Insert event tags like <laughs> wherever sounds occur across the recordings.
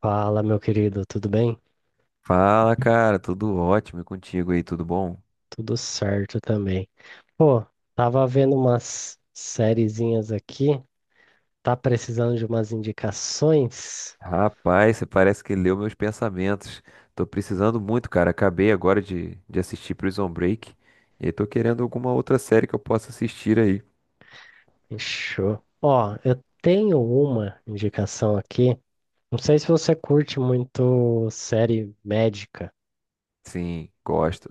Fala, meu querido, tudo bem? Fala, cara, tudo ótimo e contigo aí, tudo bom? Tudo certo também. Pô, tava vendo umas sériezinhas aqui, tá precisando de umas indicações? Rapaz, você parece que leu meus pensamentos. Tô precisando muito, cara. Acabei agora de assistir Prison Break e tô querendo alguma outra série que eu possa assistir aí. Fechou. Ó, eu tenho uma indicação aqui. Não sei se você curte muito série médica. Sim, gosto.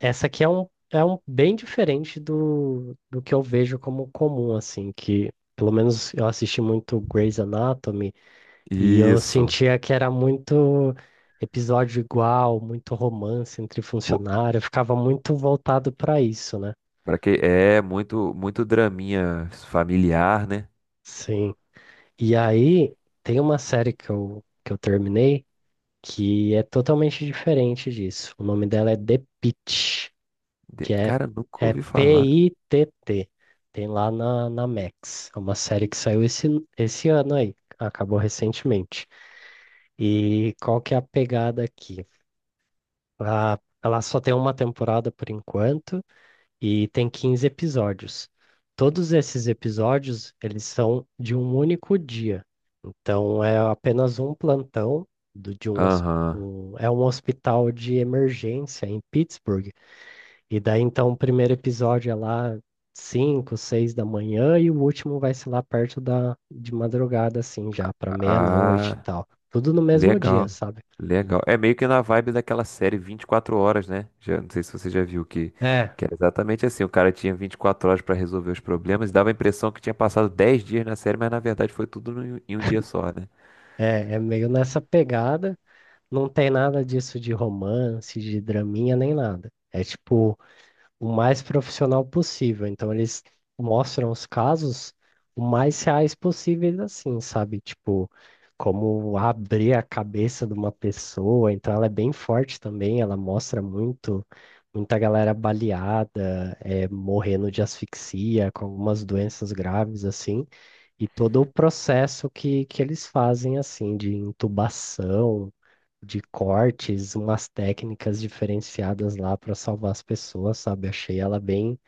Essa aqui é um bem diferente do que eu vejo como comum, assim, que pelo menos eu assisti muito Grey's Anatomy. E eu Isso. sentia que era muito episódio igual, muito romance entre Pô, funcionários, eu ficava muito voltado para isso, né? pra que é muito muito draminha familiar, né? Sim. E aí tem uma série que eu terminei que é totalmente diferente disso. O nome dela é The Pitt, que é, Cara, nunca é ouvi falar. P-I-T-T. Tem lá na, na Max. É uma série que saiu esse, esse ano aí, acabou recentemente. E qual que é a pegada aqui? Ela só tem uma temporada por enquanto e tem 15 episódios. Todos esses episódios, eles são de um único dia. Então é apenas um plantão do, de um, Aham. É um hospital de emergência em Pittsburgh. E daí então o primeiro episódio é lá 5 6 da manhã e o último vai ser lá perto da de madrugada assim já para meia-noite e Ah, tal. Tudo no mesmo dia, legal, sabe? legal. É meio que na vibe daquela série 24 horas, né? Já, não sei se você já viu que, É, que era exatamente assim. O cara tinha 24 horas pra resolver os problemas e dava a impressão que tinha passado 10 dias na série, mas na verdade foi tudo em um dia só, né? É meio nessa pegada. Não tem nada disso de romance, de draminha, nem nada. É tipo o mais profissional possível. Então eles mostram os casos o mais reais possíveis, assim, sabe? Tipo, como abrir a cabeça de uma pessoa. Então ela é bem forte também, ela mostra muito, muita galera baleada, é, morrendo de asfixia, com algumas doenças graves, assim. E todo o processo que eles fazem, assim, de intubação de cortes, umas técnicas diferenciadas lá para salvar as pessoas, sabe? Achei ela bem,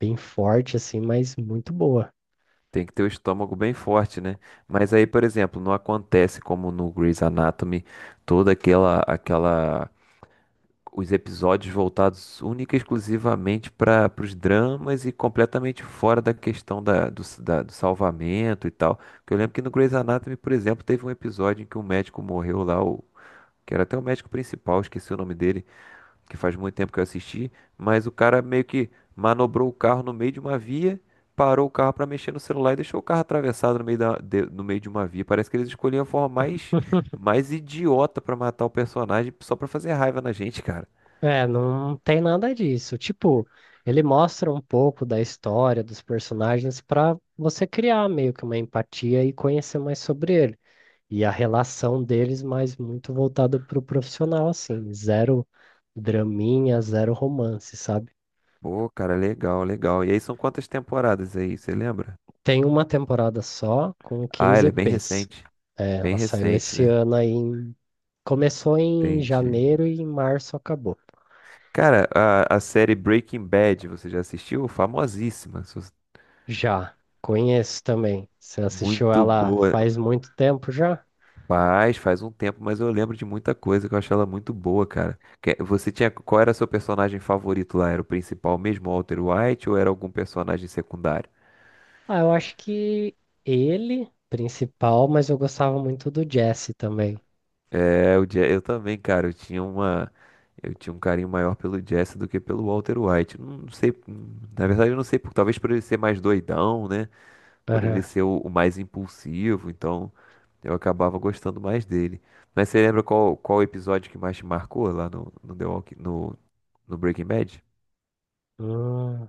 bem forte, assim, mas muito boa. Tem que ter o estômago bem forte, né? Mas aí, por exemplo, não acontece como no Grey's Anatomy, toda aquela os episódios voltados única e exclusivamente para os dramas e completamente fora da questão da, do, s- da- do salvamento e tal. Porque eu lembro que no Grey's Anatomy, por exemplo, teve um episódio em que um médico morreu lá, o, que era até o médico principal, esqueci o nome dele, que faz muito tempo que eu assisti, mas o cara meio que manobrou o carro no meio de uma via. Parou o carro para mexer no celular e deixou o carro atravessado no meio, no meio de uma via. Parece que eles escolhiam a forma mais idiota para matar o personagem só para fazer raiva na gente, cara. É, não tem nada disso. Tipo, ele mostra um pouco da história dos personagens para você criar meio que uma empatia e conhecer mais sobre ele. E a relação deles, mas muito voltado pro profissional, assim. Zero draminha, zero romance, sabe? Pô, cara, legal, legal. E aí são quantas temporadas aí, você lembra? Tem uma temporada só com Ah, 15 ela é bem EPs. recente. É, Bem ela saiu recente, esse né? ano aí. Começou em Entendi. janeiro e em março acabou. Cara, a série Breaking Bad, você já assistiu? Famosíssima. Já, conheço também. Você assistiu Muito ela boa. faz muito tempo já? Faz um tempo, mas eu lembro de muita coisa que eu achei ela muito boa, cara. Que- Você tinha, qual era seu personagem favorito lá? Era o principal mesmo, o Walter White, ou era algum personagem secundário? Ah, eu acho que ele, principal, mas eu gostava muito do Jesse também. É, o Jazz, eu também, cara, eu tinha um carinho maior pelo Jazz do que pelo Walter White. Não sei, na verdade eu não sei, talvez por ele ser mais doidão, né? Por ele Aham. ser o mais impulsivo, então eu acabava gostando mais dele. Mas você lembra qual episódio que mais te marcou lá no, no, The Walking, no Breaking Bad? Hum,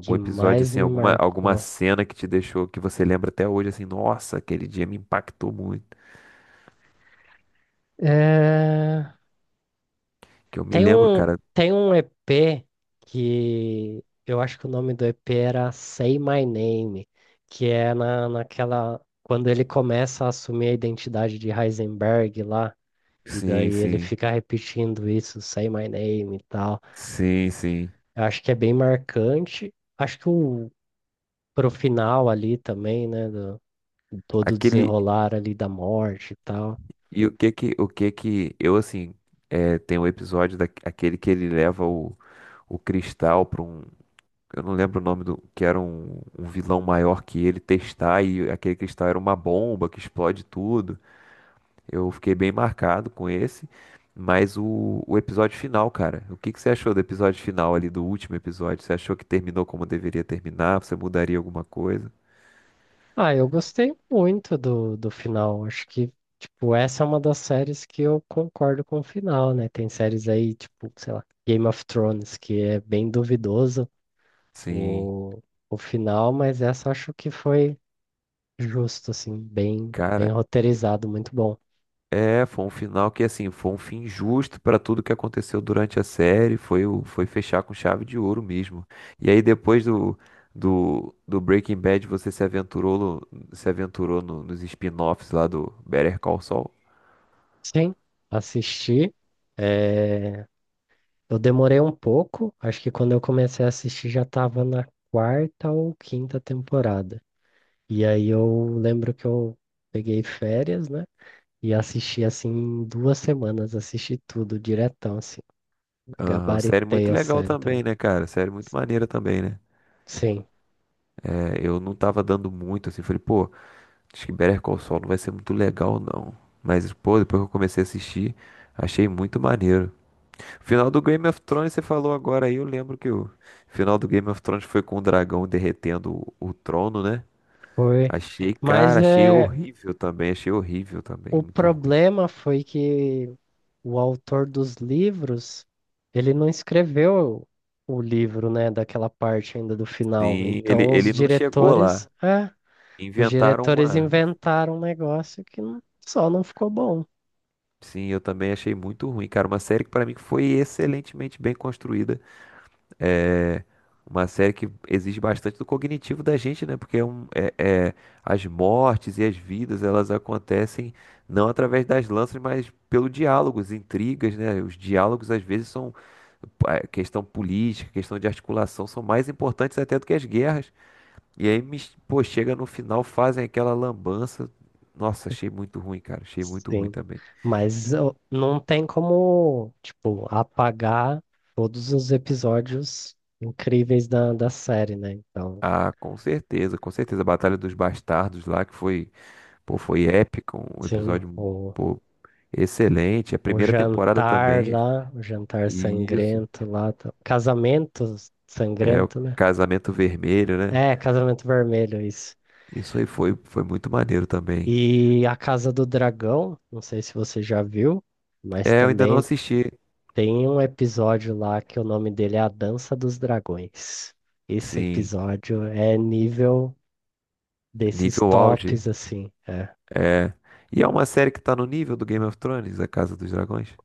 que episódio mais assim, me alguma marcou? cena que te deixou, que você lembra até hoje assim, nossa, aquele dia me impactou muito. É... Que eu me Tem lembro, um, cara. tem um EP que eu acho que o nome do EP era Say My Name, que é na, naquela. Quando ele começa a assumir a identidade de Heisenberg lá, e Sim, daí ele sim. fica repetindo isso, Say My Name e tal. Sim, sim. Eu acho que é bem marcante. Acho que o, pro final ali também, né? Do, todo o Aquele, desenrolar ali da morte e tal. e o que que, eu assim, é, tem um episódio daquele que ele leva o cristal para um, eu não lembro o nome do, que era um vilão maior que ele testar e aquele cristal era uma bomba que explode tudo. Eu fiquei bem marcado com esse, mas o episódio final, cara, o que que você achou do episódio final ali, do último episódio? Você achou que terminou como deveria terminar? Você mudaria alguma coisa? Ah, eu gostei muito do, do final. Acho que, tipo, essa é uma das séries que eu concordo com o final, né? Tem séries aí, tipo, sei lá, Game of Thrones, que é bem duvidoso Sim, o, o final, mas essa eu acho que foi justo, assim, bem, cara. bem roteirizado, muito bom. É, foi um final que, assim, foi um fim justo para tudo que aconteceu durante a série. Foi, o- foi fechar com chave de ouro mesmo. E aí, depois do, do Breaking Bad, você se aventurou, se aventurou no- nos spin-offs lá do Better Call Saul. Sim, assisti. eh, Eu demorei um pouco, acho que quando eu comecei a assistir já estava na quarta ou quinta temporada. E aí eu lembro que eu peguei férias, né? E assisti assim em duas semanas, assisti tudo diretão, assim, Aham, série gabaritei muito a legal série também. também, né, cara? Série muito maneira também, né? Sim, É, eu não tava dando muito, assim, falei, pô, acho que Better Call Saul não vai ser muito legal, não. Mas, pô, depois que eu comecei a assistir, achei muito maneiro. Final do Game of Thrones, você falou agora aí, eu lembro que o final do Game of Thrones foi com o dragão derretendo o trono, né? foi. Achei, Mas cara, é, achei horrível também, o muito ruim. problema foi que o autor dos livros, ele não escreveu o livro, né, daquela parte ainda do final. Sim, ele, Então os ele não chegou diretores, lá. é, os Inventaram diretores uma. inventaram um negócio que só não ficou bom. Sim, eu também achei muito ruim, cara. Uma série que pra mim foi excelentemente bem construída. É uma série que exige bastante do cognitivo da gente, né? Porque é- as mortes e as vidas, elas acontecem não através das lanças, mas pelo diálogos, intrigas, né? Os diálogos às vezes são a questão política, questão de articulação são mais importantes até do que as guerras. E aí, pô, chega no final, fazem aquela lambança. Nossa, achei muito ruim, cara. Achei muito ruim Sim, também. mas não tem como, tipo, apagar todos os episódios incríveis da, da série, né? Então, Ah, com certeza, com certeza. A Batalha dos Bastardos lá, que foi pô, foi épico, um sim, episódio, pô, excelente. A o primeira temporada jantar também. lá, o jantar E isso. sangrento lá, casamento É o sangrento, né? Casamento Vermelho, né? É, casamento vermelho, isso. Isso aí foi, foi muito maneiro também. E a Casa do Dragão, não sei se você já viu, mas É, eu ainda não também assisti. tem um episódio lá que o nome dele é A Dança dos Dragões. Esse Sim, episódio é nível desses nível auge. tops, assim. É. É. E é uma série que tá no nível do Game of Thrones, A Casa dos Dragões?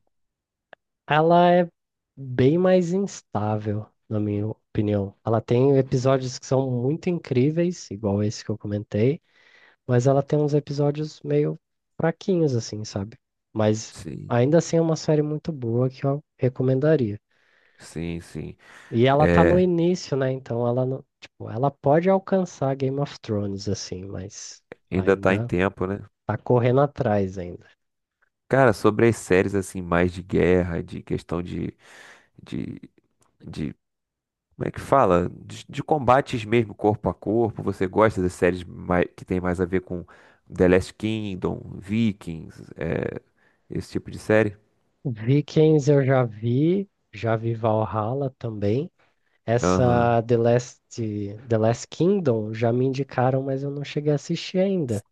Ela é bem mais instável, na minha opinião. Ela tem episódios que são muito incríveis, igual esse que eu comentei, mas ela tem uns episódios meio fraquinhos, assim, sabe? Mas Sim, ainda assim é uma série muito boa que eu recomendaria. sim, sim. E ela tá no É, início, né? Então ela não, tipo, ela pode alcançar Game of Thrones assim, mas ainda tá em ainda tempo, né? tá correndo atrás ainda. Cara, sobre as séries assim, mais de guerra, de questão de, de como é que fala? De combates mesmo, corpo a corpo. Você gosta das séries que tem mais a ver com The Last Kingdom, Vikings, é, esse tipo de série? Vikings eu já vi Valhalla também. Aham. Essa The Last, The Last Kingdom já me indicaram, mas eu não cheguei a assistir ainda.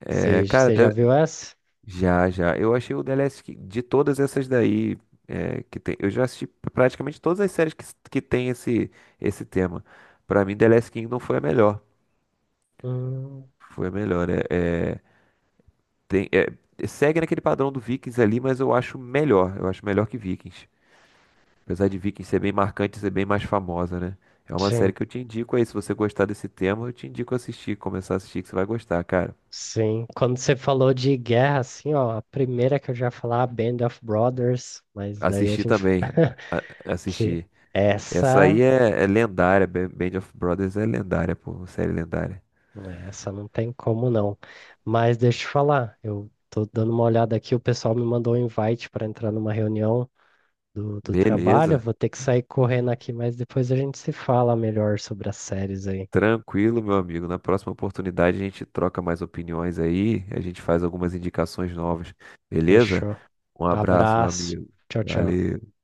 É, Você cara, já viu essa? já, já. Eu achei o de todas essas daí que tem. Eu já assisti praticamente todas as séries que tem esse tema. Pra mim, The Last Kingdom foi a melhor. Hum, Foi a melhor, né? É, tem, é, segue naquele padrão do Vikings ali, mas eu acho melhor. Eu acho melhor que Vikings. Apesar de Vikings ser bem marcante, ser bem mais famosa, né? É uma série sim, que eu te indico aí. Se você gostar desse tema, eu te indico assistir, começar a assistir, que você vai gostar, cara. sim. Quando você falou de guerra, assim, ó, a primeira que eu já ia falar, Band of Brothers, mas daí a Assisti gente também. <laughs> A que assistir. Essa aí essa, é, é lendária. Ba- Band of Brothers é lendária, pô. Série lendária. né, essa não tem como não. Mas deixa eu te falar, eu tô dando uma olhada aqui, o pessoal me mandou um invite para entrar numa reunião do, do trabalho, eu Beleza. vou ter que sair correndo aqui, mas depois a gente se fala melhor sobre as séries aí. Tranquilo, meu amigo. Na próxima oportunidade a gente troca mais opiniões aí. A gente faz algumas indicações novas. Beleza? Fechou. Um abraço, meu Abraço. amigo. Tchau, tchau. Valeu.